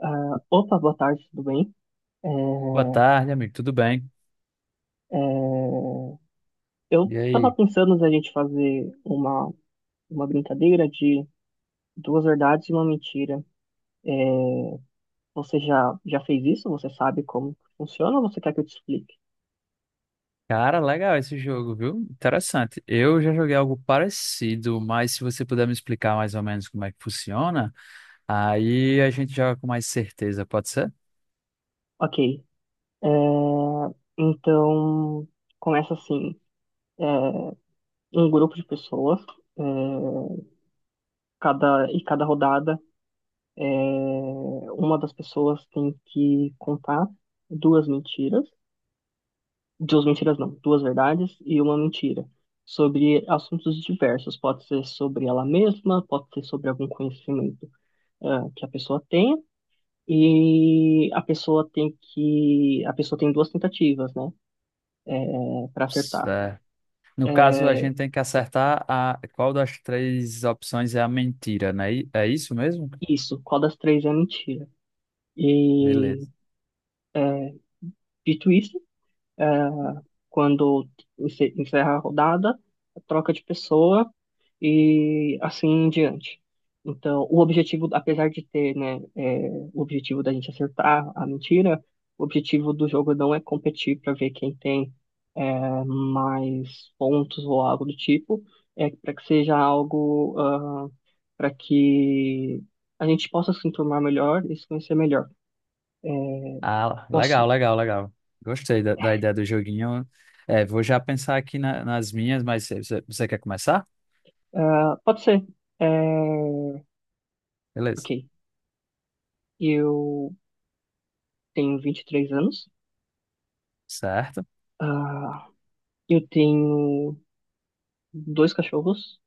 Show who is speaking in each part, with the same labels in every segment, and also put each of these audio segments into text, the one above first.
Speaker 1: Ah, opa, boa tarde, tudo bem? É,
Speaker 2: Boa tarde, amigo. Tudo bem?
Speaker 1: é, eu
Speaker 2: E
Speaker 1: tava
Speaker 2: aí?
Speaker 1: pensando da gente fazer uma brincadeira de duas verdades e uma mentira. É, você já fez isso? Você sabe como funciona ou você quer que eu te explique?
Speaker 2: Cara, legal esse jogo, viu? Interessante. Eu já joguei algo parecido, mas se você puder me explicar mais ou menos como é que funciona, aí a gente joga com mais certeza, pode ser?
Speaker 1: Ok, é, então começa assim. É, um grupo de pessoas, é, cada, e cada rodada, é, uma das pessoas tem que contar duas mentiras. Duas mentiras não, duas verdades e uma mentira. Sobre assuntos diversos, pode ser sobre ela mesma, pode ser sobre algum conhecimento que a pessoa tem, e a pessoa tem que. A pessoa tem duas tentativas, né? É, para acertar.
Speaker 2: Certo. No caso, a
Speaker 1: É,
Speaker 2: gente tem que acertar a qual das três opções é a mentira, né? É isso mesmo?
Speaker 1: isso, qual das três é mentira? E
Speaker 2: Beleza.
Speaker 1: é, Dito isso, quando encerra a rodada, troca de pessoa e assim em diante. Então, o objetivo, apesar de ter, né, é, o objetivo da gente acertar a mentira, o objetivo do jogo não é competir para ver quem tem mais pontos ou algo do tipo, é para que seja algo para que a gente possa se enturmar melhor e se conhecer melhor. É,
Speaker 2: Ah, legal,
Speaker 1: posso,
Speaker 2: legal, legal. Gostei da ideia do joguinho. É, vou já pensar aqui nas minhas, mas você quer começar?
Speaker 1: ah, pode ser. É,
Speaker 2: Beleza.
Speaker 1: ok, eu tenho 23 anos,
Speaker 2: Certo.
Speaker 1: ah, eu tenho dois cachorros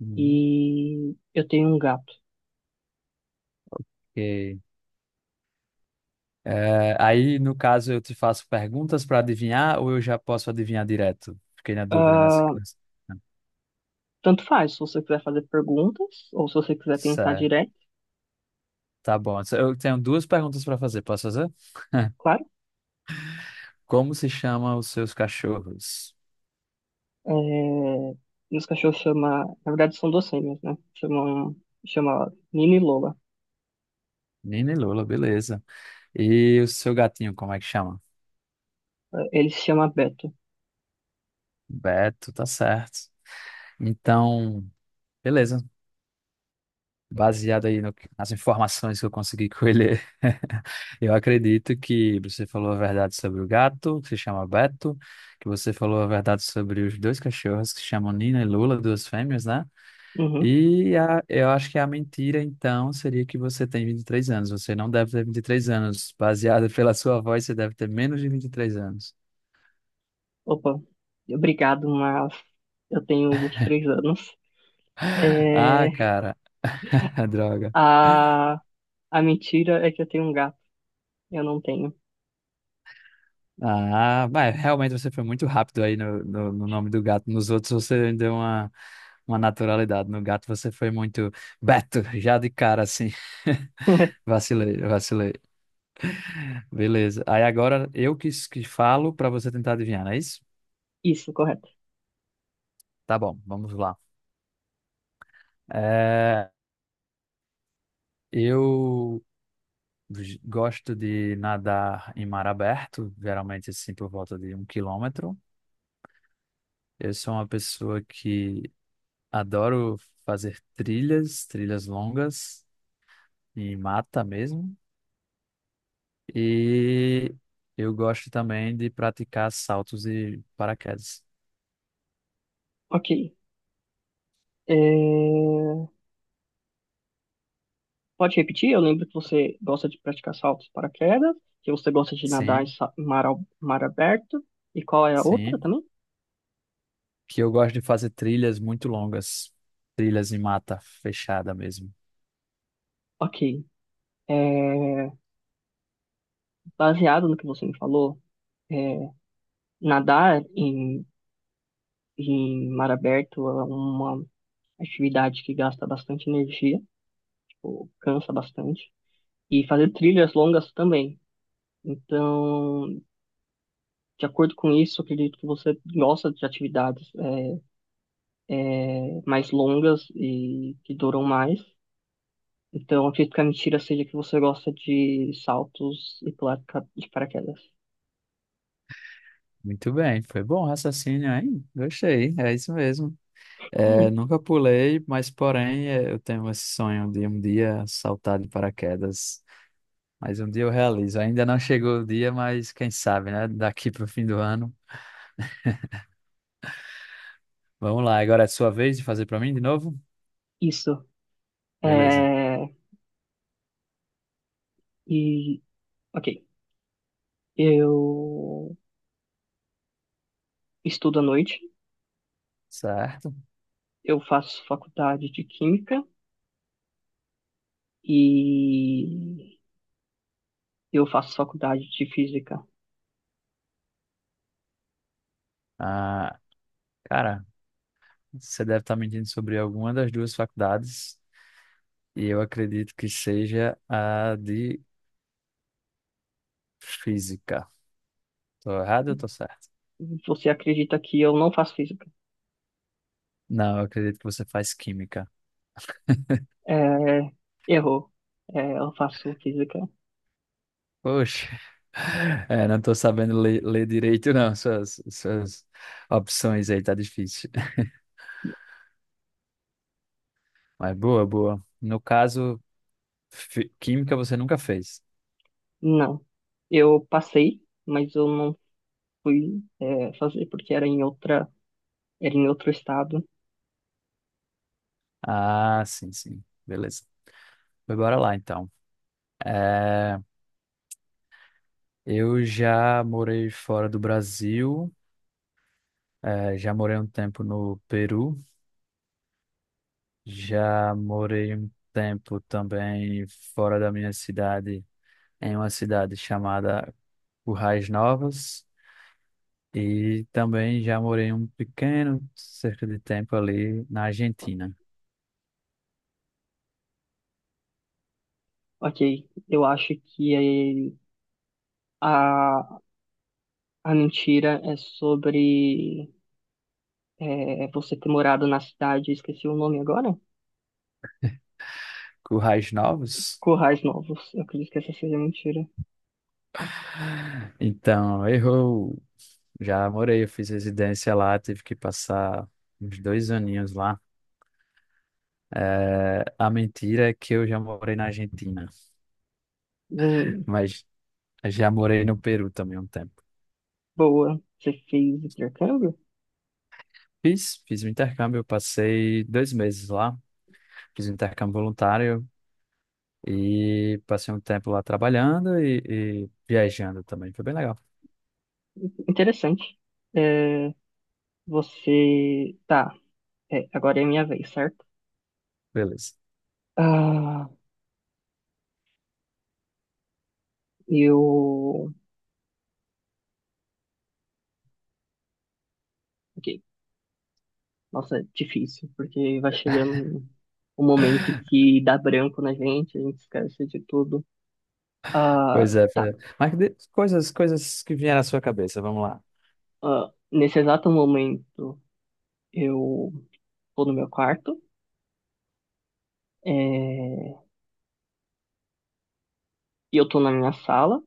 Speaker 2: Hum,
Speaker 1: e eu tenho um gato.
Speaker 2: ok. É, aí, no caso, eu te faço perguntas para adivinhar ou eu já posso adivinhar direto? Fiquei na dúvida nessa.
Speaker 1: Ah,
Speaker 2: nessa-
Speaker 1: tanto faz, se você quiser fazer perguntas ou se você quiser tentar
Speaker 2: Certo,
Speaker 1: direto,
Speaker 2: tá bom. Eu tenho duas perguntas para fazer. Posso fazer?
Speaker 1: claro.
Speaker 2: Como se chama os seus cachorros?
Speaker 1: É, meus cachorros chama, na verdade são duas fêmeas, né? Chamam, chama Nina e Lola.
Speaker 2: Nina e Lula, beleza. E o seu gatinho, como é que chama?
Speaker 1: Ele se chama Beto.
Speaker 2: Beto, tá certo. Então, beleza. Baseado aí no que- nas informações que eu consegui colher, eu acredito que você falou a verdade sobre o gato, que se chama Beto, que você falou a verdade sobre os dois cachorros que se chamam Nina e Lula, duas fêmeas, né?
Speaker 1: Uhum.
Speaker 2: E a, eu acho que a mentira, então, seria que você tem 23 anos. Você não deve ter 23 anos. Baseado pela sua voz, você deve ter menos de 23 anos.
Speaker 1: Opa, obrigado, mas eu tenho 23 anos.
Speaker 2: Ah,
Speaker 1: É,
Speaker 2: cara. Droga.
Speaker 1: a, a mentira é que eu tenho um gato. Eu não tenho.
Speaker 2: Ah, mas realmente você foi muito rápido aí no, no, no nome do gato. Nos outros você deu uma naturalidade. No gato você foi muito Beto, já de cara assim. Vacilei, vacilei. Beleza. Aí agora eu que falo para você tentar adivinhar, não é isso?
Speaker 1: Isso, correto.
Speaker 2: Tá bom, vamos lá. É, eu gosto de nadar em mar aberto, geralmente assim por volta de um quilômetro. Eu sou uma pessoa que adoro fazer trilhas, trilhas longas. Em mata mesmo. E eu gosto também de praticar saltos e paraquedas.
Speaker 1: Ok. É, pode repetir? Eu lembro que você gosta de praticar saltos paraquedas, que você gosta de nadar em
Speaker 2: Sim,
Speaker 1: em mar, mar aberto. E qual é a outra
Speaker 2: sim.
Speaker 1: também?
Speaker 2: Que eu gosto de fazer trilhas muito longas, trilhas em mata fechada mesmo.
Speaker 1: Ok. É, baseado no que você me falou, é, nadar em, em mar aberto é uma atividade que gasta bastante energia, tipo, cansa bastante. E fazer trilhas longas também. Então, de acordo com isso, eu acredito que você gosta de atividades mais longas e que duram mais. Então, acredito que a mentira seja que você gosta de saltos e pular de de paraquedas.
Speaker 2: Muito bem, foi bom o raciocínio, hein? Gostei, é isso mesmo. É,
Speaker 1: Hum.
Speaker 2: nunca pulei, mas porém é, eu tenho esse sonho de um dia saltar de paraquedas. Mas um dia eu realizo. Ainda não chegou o dia, mas quem sabe, né? Daqui para o fim do ano. Vamos lá, agora é sua vez de fazer para mim de novo?
Speaker 1: Isso.
Speaker 2: Beleza.
Speaker 1: É... E, ok. Eu estudo à noite.
Speaker 2: Certo.
Speaker 1: Eu faço faculdade de química. E eu faço faculdade de física.
Speaker 2: Ah, cara, você deve estar me mentindo sobre alguma das duas faculdades, e eu acredito que seja a de física. Tô errado ou tô certo?
Speaker 1: Você acredita que eu não faço física?
Speaker 2: Não, eu acredito que você faz química.
Speaker 1: É, errou. É, eu faço física.
Speaker 2: Poxa, é, não tô sabendo ler, direito, não. Suas opções aí tá difícil. Mas boa, boa. No caso, química você nunca fez.
Speaker 1: Não. Eu passei, mas eu não fui, é, fazer porque era em outra, era em outro estado.
Speaker 2: Ah, sim, sim. Beleza. Mas Bora lá, então. É, eu já morei fora do Brasil, já morei um tempo no Peru, já morei um tempo também fora da minha cidade, em uma cidade chamada Currais Novas e também já morei um pequeno cerca de tempo ali na Argentina.
Speaker 1: Ok, eu acho que a, a mentira é sobre você ter morado na cidade, esqueci o nome agora?
Speaker 2: Currais Novos?
Speaker 1: Currais Novos, eu acredito que essa seja a mentira.
Speaker 2: Então, errou! Já morei, eu fiz residência lá, tive que passar uns 2 aninhos lá. É, a mentira é que eu já morei na Argentina,
Speaker 1: Hum,
Speaker 2: mas já morei no Peru também um tempo.
Speaker 1: boa, você fez intercâmbio?
Speaker 2: Fiz, fiz um intercâmbio, eu passei 2 meses lá, fiz um intercâmbio voluntário e passei um tempo lá trabalhando e viajando também. Foi bem legal.
Speaker 1: Interessante. É, você. Tá, é, agora é minha vez, certo?
Speaker 2: Beleza.
Speaker 1: Ah, eu. Ok, nossa, é difícil, porque vai chegando um momento que dá branco na gente, a gente esquece de tudo. Ah,
Speaker 2: Pois é, pois
Speaker 1: tá.
Speaker 2: é. Mas coisas que vieram à sua cabeça, vamos lá.
Speaker 1: Ah, nesse exato momento, eu tô no meu quarto, é, e eu tô na minha sala,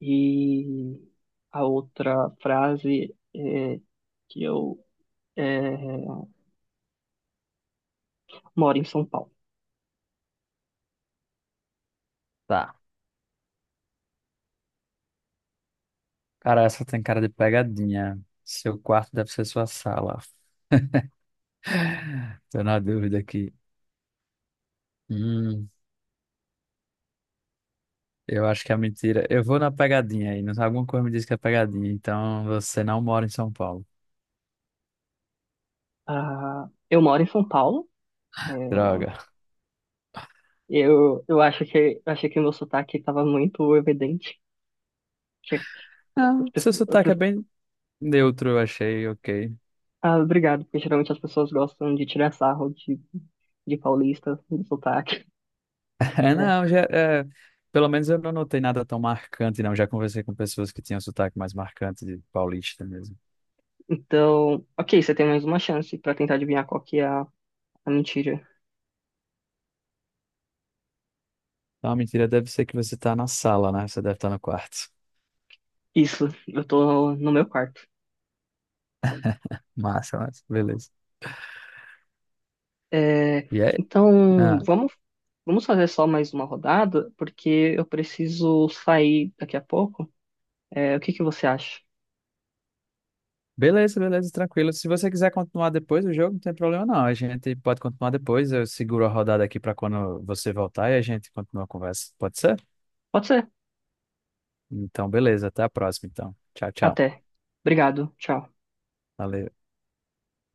Speaker 1: e a outra frase é que eu é, moro em São Paulo.
Speaker 2: Tá. Cara, essa tem cara de pegadinha. Seu quarto deve ser sua sala. Tô na dúvida aqui. Hum, Eu acho que é mentira. Eu vou na pegadinha aí. Alguma coisa me diz que é pegadinha. Então você não mora em São Paulo.
Speaker 1: Ah, eu moro em São Paulo, é,
Speaker 2: Droga.
Speaker 1: eu acho que, eu achei que o meu sotaque estava muito evidente. Que as
Speaker 2: Não, seu
Speaker 1: as
Speaker 2: sotaque é bem neutro, eu achei, ok.
Speaker 1: ah, obrigado, porque geralmente as pessoas gostam de tirar sarro de paulista, do sotaque.
Speaker 2: É, não, já, é, pelo menos eu não notei nada tão marcante, não. Já conversei com pessoas que tinham sotaque mais marcante de paulista mesmo.
Speaker 1: Então, ok, você tem mais uma chance pra tentar adivinhar qual que é a mentira.
Speaker 2: Então a mentira deve ser que você tá na sala, né? Você deve estar no quarto.
Speaker 1: Isso, eu tô no meu quarto.
Speaker 2: Massa, mas beleza.
Speaker 1: É,
Speaker 2: E aí?
Speaker 1: então,
Speaker 2: Ah.
Speaker 1: vamos, vamos fazer só mais uma rodada, porque eu preciso sair daqui a pouco. É, o que que você acha?
Speaker 2: Beleza, beleza, tranquilo. Se você quiser continuar depois do jogo, não tem problema não. A gente pode continuar depois. Eu seguro a rodada aqui para quando você voltar e a gente continua a conversa. Pode ser?
Speaker 1: Pode ser.
Speaker 2: Então, beleza. Até a próxima, então. Tchau, tchau.
Speaker 1: Até. Obrigado. Tchau.
Speaker 2: Valeu.